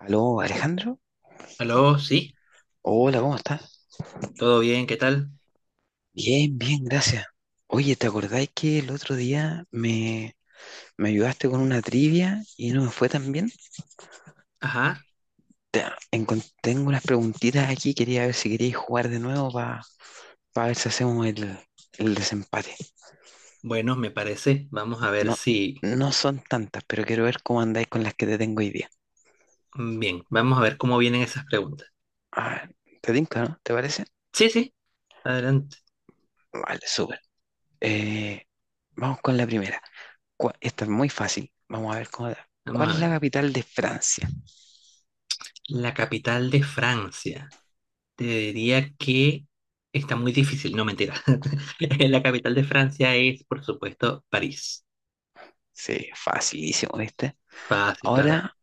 Aló, Alejandro. Aló, sí, Hola, ¿cómo estás? todo bien, ¿qué tal? Bien, bien, gracias. Oye, ¿te acordáis que el otro día me ayudaste con una trivia y no me fue tan bien? Ajá, Te- Tengo unas preguntitas aquí, quería ver si queríais jugar de nuevo para ver si hacemos el desempate. bueno, me parece. Vamos a ver No, si. no son tantas, pero quiero ver cómo andáis con las que te tengo hoy día. Bien, vamos a ver cómo vienen esas preguntas. Ah, ¿te tinca, no? ¿Te parece? Sí, sí, adelante. Vale, súper. Eh, Vamos con la primera. Esta es muy fácil. Vamos a ver cómo da. Vamos ¿Cuál a es la ver. capital de Francia? La capital de Francia. Te diría que está muy difícil, no mentira. La capital de Francia es, por supuesto, París. Sí, facilísimo, ¿viste? Fácil, claro. Ahora,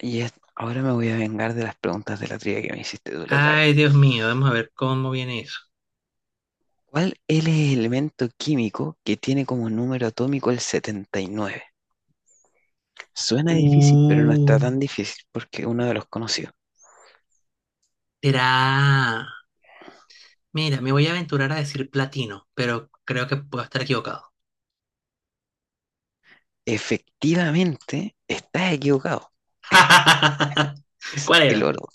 ahora me voy a vengar de las preguntas de la trivia que me hiciste tú la otra vez. Ay, Dios mío, vamos a ver cómo viene eso. ¿Cuál es el elemento químico que tiene como número atómico el 79? Suena difícil, pero no Uh, está tan difícil porque es uno de los conocidos. Será. Mira, me voy a aventurar a decir platino, pero creo que puedo estar equivocado. Efectivamente, estás equivocado. Es ¿Cuál el era? oro,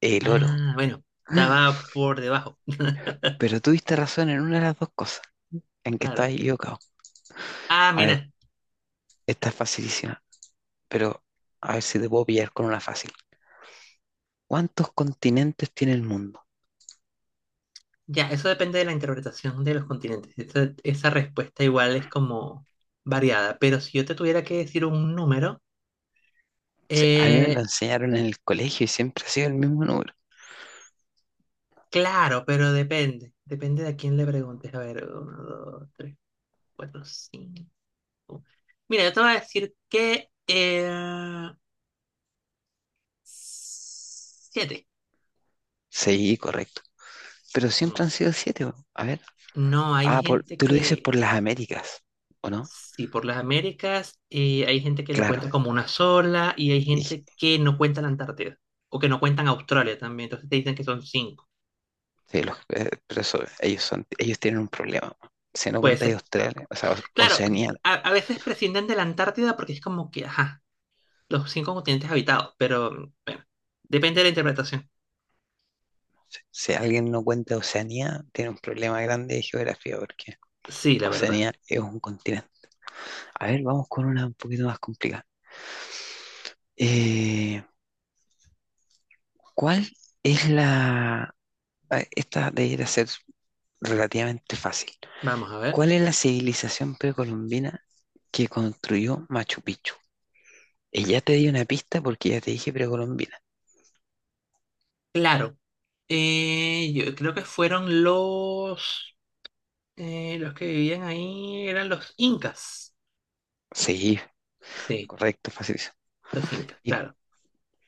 el oro. Ah, bueno, estaba por debajo. Pero tuviste razón en una de las dos cosas, en que Claro. estabas equivocado. Ah, A ver, mira, esta es facilísima, pero a ver si te puedo pillar con una fácil. ¿Cuántos continentes tiene el mundo? ya, eso depende de la interpretación de los continentes. Esa respuesta igual es como variada, pero si yo te tuviera que decir un número, A mí me lo eh, enseñaron en el colegio y siempre ha sido el mismo número. claro, pero depende. Depende de a quién le preguntes. A ver, uno, dos, tres, cuatro, cinco. Mira, yo te voy a decir que siete. Sí, correcto. Pero siempre Mm, han sido 7. Bo. A ver. No, hay Ah, gente tú lo dices que. por las Américas, ¿o no? Sí, por las Américas hay gente que la Claro. cuenta como una sola y hay Y, sí, gente que no cuenta la Antártida o que no cuentan Australia también, entonces te dicen que son cinco. Pero eso, ellos tienen un problema. Si no Puede contáis ser. Australia, o sea, Claro, Oceanía. a veces prescinden de la Antártida porque es como que, ajá, los cinco continentes habitados, pero bueno, depende de la interpretación. Si alguien no cuenta Oceanía, tiene un problema grande de geografía, porque Sí, la verdad. Oceanía es un continente. A ver, vamos con una un poquito más complicada. Eh, ¿Cuál es la Ah, esta debería ser relativamente fácil. Vamos a ver. ¿Cuál es la civilización precolombina que construyó Machu Picchu? Y ya te di una pista porque ya te dije precolombina. Claro, yo creo que fueron los que vivían ahí, eran los incas. Sí, Sí, correcto, facilísimo. los incas, Y, claro.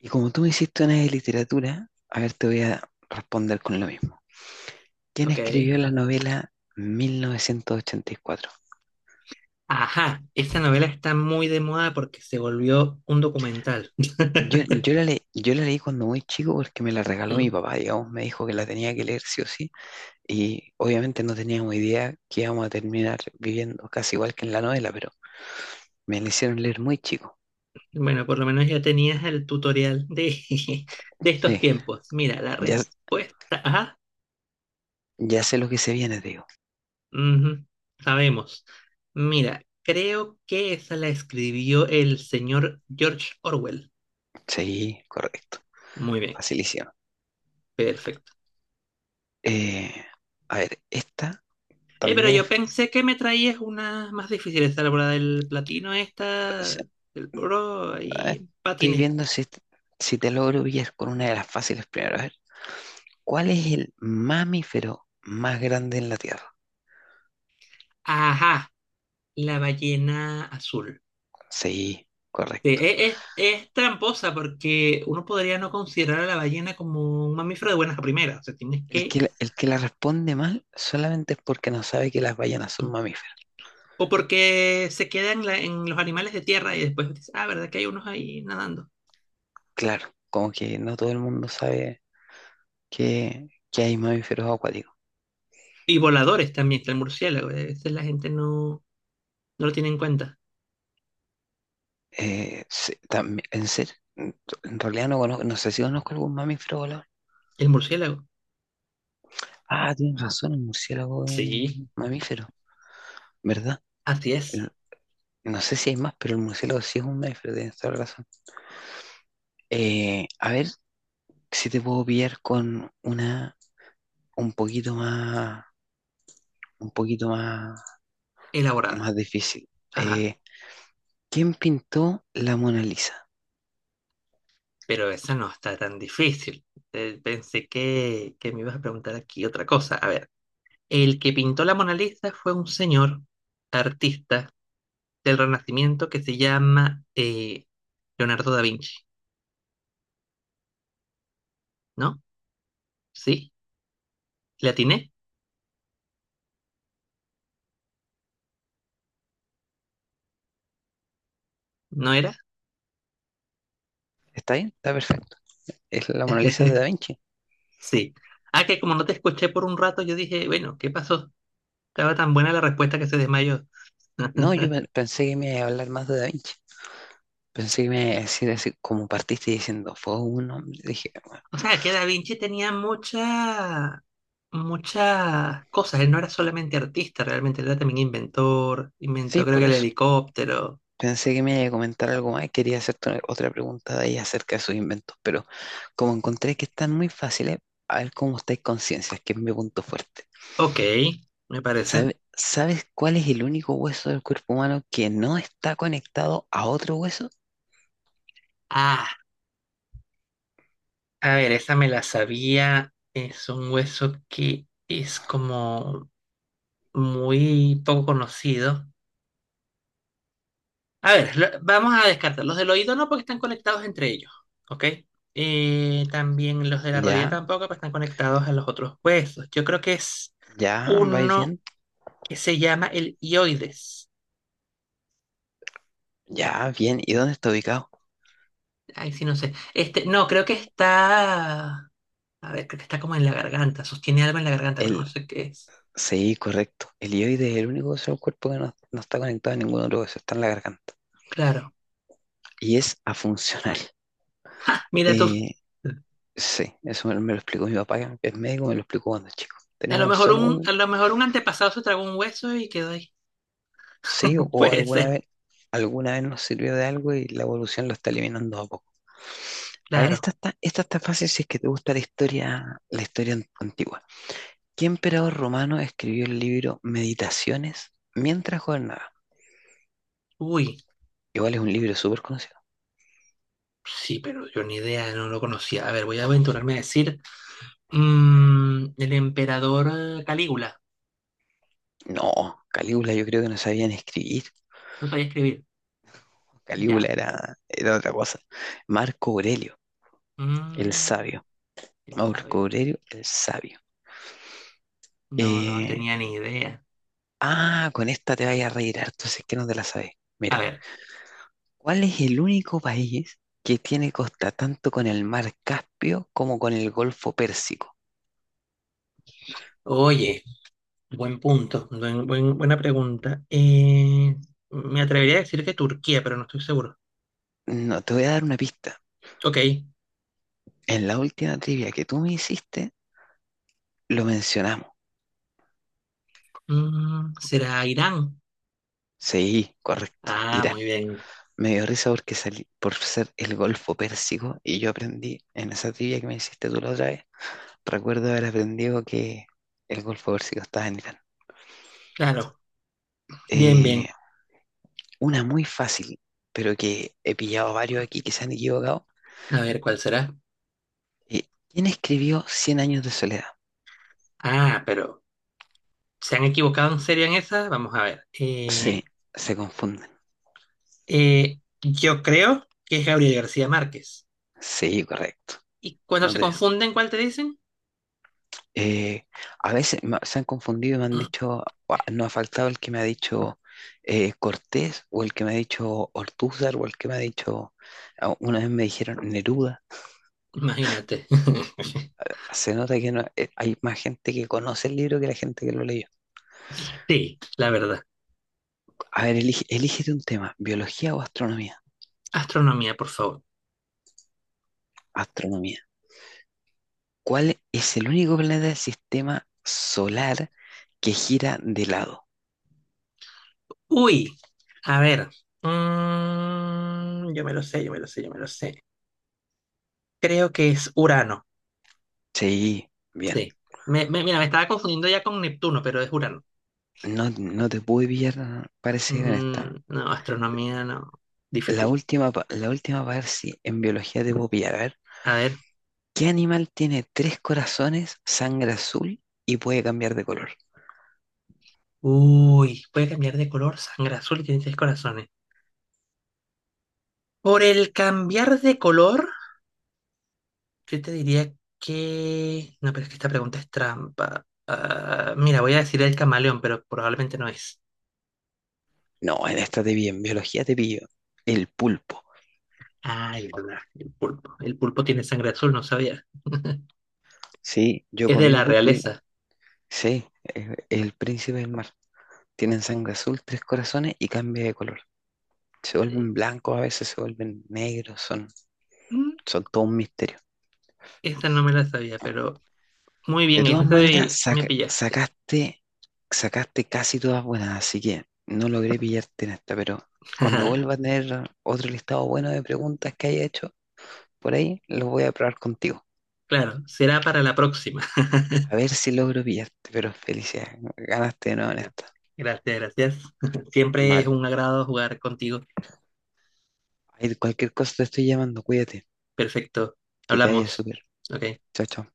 y como tú me hiciste una de literatura, a ver, te voy a responder con lo mismo. ¿Quién Ok. escribió la novela 1984? Ajá, esta novela está muy de moda porque se volvió un documental. Yo la leí cuando muy chico porque me la regaló mi Mm. papá, digamos, me dijo que la tenía que leer sí o sí. Y obviamente no teníamos idea que íbamos a terminar viviendo casi igual que en la novela, pero me la hicieron leer muy chico. Bueno, por lo menos ya tenías el tutorial de, de estos Sí, tiempos. Mira, la ya, respuesta. Ajá, ya sé lo que se viene, te digo. ujú, sabemos. Mira, creo que esa la escribió el señor George Orwell. Sí, correcto. Muy bien, Facilísimo. perfecto. Eh, a ver, esta Pero también es... yo pensé que me traías una más difícil, esa la bola del platino, o esta, sea, del oro, A ver, y estoy patiné. viendo si te logro pillar con una de las fáciles primero. A ver, ¿cuál es el mamífero más grande en la Tierra? Ajá, la ballena azul. Sí, Sí, correcto. es tramposa porque uno podría no considerar a la ballena como un mamífero de buenas a primeras. O sea, tienes que. El que la responde mal solamente es porque no sabe que las ballenas son mamíferos. O porque se queda en, en los animales de tierra y después dices, ah, ¿verdad que hay unos ahí nadando? Claro, como que no todo el mundo sabe que hay mamíferos acuáticos. Y voladores también, está el murciélago. A veces la gente no, no lo tiene en cuenta. También, en serio, en realidad no conozco, no sé si conozco algún mamífero volador. El murciélago. Ah, tienes razón, el murciélago es Sí, un mamífero, ¿verdad? así es. El- no sé si hay más, pero el murciélago sí es un mamífero, tienes toda la razón. A ver si te puedo pillar con una un poquito más, un poquito más, Elaborada. más difícil. Ajá. Eh, ¿Quién pintó la Mona Lisa? Pero esa no está tan difícil. Pensé que, me ibas a preguntar aquí otra cosa. A ver. El que pintó la Mona Lisa fue un señor artista del Renacimiento que se llama Leonardo da Vinci, ¿no? ¿Sí? ¿Le atiné? ¿No era? ¿Está bien? Está perfecto. Es la Mona Lisa de Da Vinci. Sí. Ah, que como no te escuché por un rato, yo dije, bueno, ¿qué pasó? Estaba tan buena la respuesta que se desmayó. No, pensé que me iba a hablar más de Da Vinci. Pensé que me iba a decir así, como partiste diciendo, fue un hombre. Dije, "Ah, O sea, que Da Vinci tenía muchas cosas. Él no era solamente artista, realmente él era también inventor. sí, Inventó, creo que por el eso". helicóptero. Pensé que me iba a comentar algo más. Y quería hacerte otra pregunta de ahí acerca de sus inventos, pero como encontré que están muy fáciles, a ver cómo estáis conciencias, que es mi punto fuerte. Ok, me parece. ¿Sabes cuál es el único hueso del cuerpo humano que no está conectado a otro hueso? Ah. A ver, esa me la sabía. Es un hueso que es como muy poco conocido. A ver, vamos a descartar. Los del oído no, porque están conectados entre ellos. ¿Ok? También los de la rodilla Ya, tampoco, porque están conectados a los otros huesos. Yo creo que es ya, vais uno bien. que se llama el hioides. Ya, bien. ¿Y dónde está ubicado? Ay, sí, no sé. Este, no, creo que está. A ver, creo que está como en la garganta. Sostiene algo en la garganta, pero no El sé qué es. Sí, correcto. El hioide es el único hueso del cuerpo que no está conectado a ningún otro hueso, está en la garganta. Claro. Y es afuncional. Mira tú. Eh, sí, eso me lo explicó mi papá, que es médico, me lo explicó cuando chico. A lo Tenemos mejor solo a un lo mejor un antepasado se tragó un hueso y quedó ahí. sí o Puede ser, alguna vez nos sirvió de algo y la evolución lo está eliminando a poco. A ver, claro. Esta está fácil si es que te gusta la historia antigua. ¿Qué emperador romano escribió el libro Meditaciones mientras gobernaba? Uy, Igual es un libro súper conocido. sí, pero yo ni idea, no lo conocía. A ver, voy a aventurarme a decir el emperador Calígula. No, Calígula yo creo que no sabían escribir. No sabía escribir. Calígula Ya. Era otra cosa. Marco Aurelio, el Mm, sabio. Él Marco sabe. Aurelio, el sabio. No, no Eh, tenía ni idea. Con esta te vayas a reír harto, si es que no te la sabes. A Mira, ver. ¿cuál es el único país que tiene costa tanto con el mar Caspio como con el Golfo Pérsico? Oye, buen punto, buena pregunta. Me atrevería a decir que Turquía, pero no estoy seguro. No, te voy a dar una pista. Ok. En la última trivia que tú me hiciste, lo mencionamos. ¿Será Irán? Sí, correcto, Ah, muy Irán. bien. Me dio risa porque salí por ser el Golfo Pérsico y yo aprendí en esa trivia que me hiciste tú la otra vez. Recuerdo haber aprendido que el Golfo Pérsico estaba en Irán. Claro. Bien, Eh, bien. una muy fácil, pero que he pillado varios aquí que se han equivocado. A ver, ¿cuál será? ¿Quién escribió Cien años de soledad? Ah, pero ¿se han equivocado en serio en esa? Vamos a ver. Sí, se confunden. Yo creo que es Gabriel García Márquez. Sí, correcto. ¿Y cuando No se te, confunden, cuál te dicen? Eh, a veces se han confundido y me han dicho, "Guau, no ha faltado el que me ha dicho Cortés o el que me ha dicho Ortúzar o el que me ha dicho, una vez me dijeron Neruda. Imagínate. Se nota que hay más gente que conoce el libro que la gente que lo leyó. Sí, la verdad. A ver, elígete un tema, biología o astronomía. Astronomía, por favor. Astronomía. ¿Cuál es el único planeta del sistema solar que gira de lado? Uy, a ver. Yo me lo sé, yo me lo sé, yo me lo sé. Creo que es Urano. Sí, bien. Sí. Mira, me estaba confundiendo ya con Neptuno, pero es Urano. No, no te pude pillar, parece, en esta. Mm, no, astronomía no. La Difícil. última, la última para ver si en biología debo pillar. A ver, A ver. ¿qué animal tiene 3 corazones, sangre azul y puede cambiar de color? Uy, puede cambiar de color, sangre azul y tiene seis corazones. Por el cambiar de color, yo te diría que. No, pero es que esta pregunta es trampa. Ah, mira, voy a decir el camaleón, pero probablemente no es. No, en esta te vi, en biología te pillo. El pulpo. Ah, el pulpo. El pulpo tiene sangre azul, no sabía. Sí, yo he Es de la comido pulpo y realeza. sí, es el príncipe del mar. Tienen sangre azul, 3 corazones y cambia de color. Se Eh, vuelven blancos, a veces se vuelven negros, mm, son todo un misterio. Esta no me la sabía, pero muy De bien, esa todas maneras, sí me pillaste. Sacaste casi todas buenas, así que no logré pillarte en esta, pero cuando vuelva a tener otro listado bueno de preguntas que haya hecho por ahí, los voy a probar contigo. Claro, será para la próxima. A ver si logro pillarte, pero felicidades, ganaste de nuevo en Bueno, esta. gracias, gracias. Siempre es Vale, un agrado jugar contigo. ahí cualquier cosa te estoy llamando, cuídate, Perfecto. que te vaya Hablamos. súper. Ok. Chao, chao.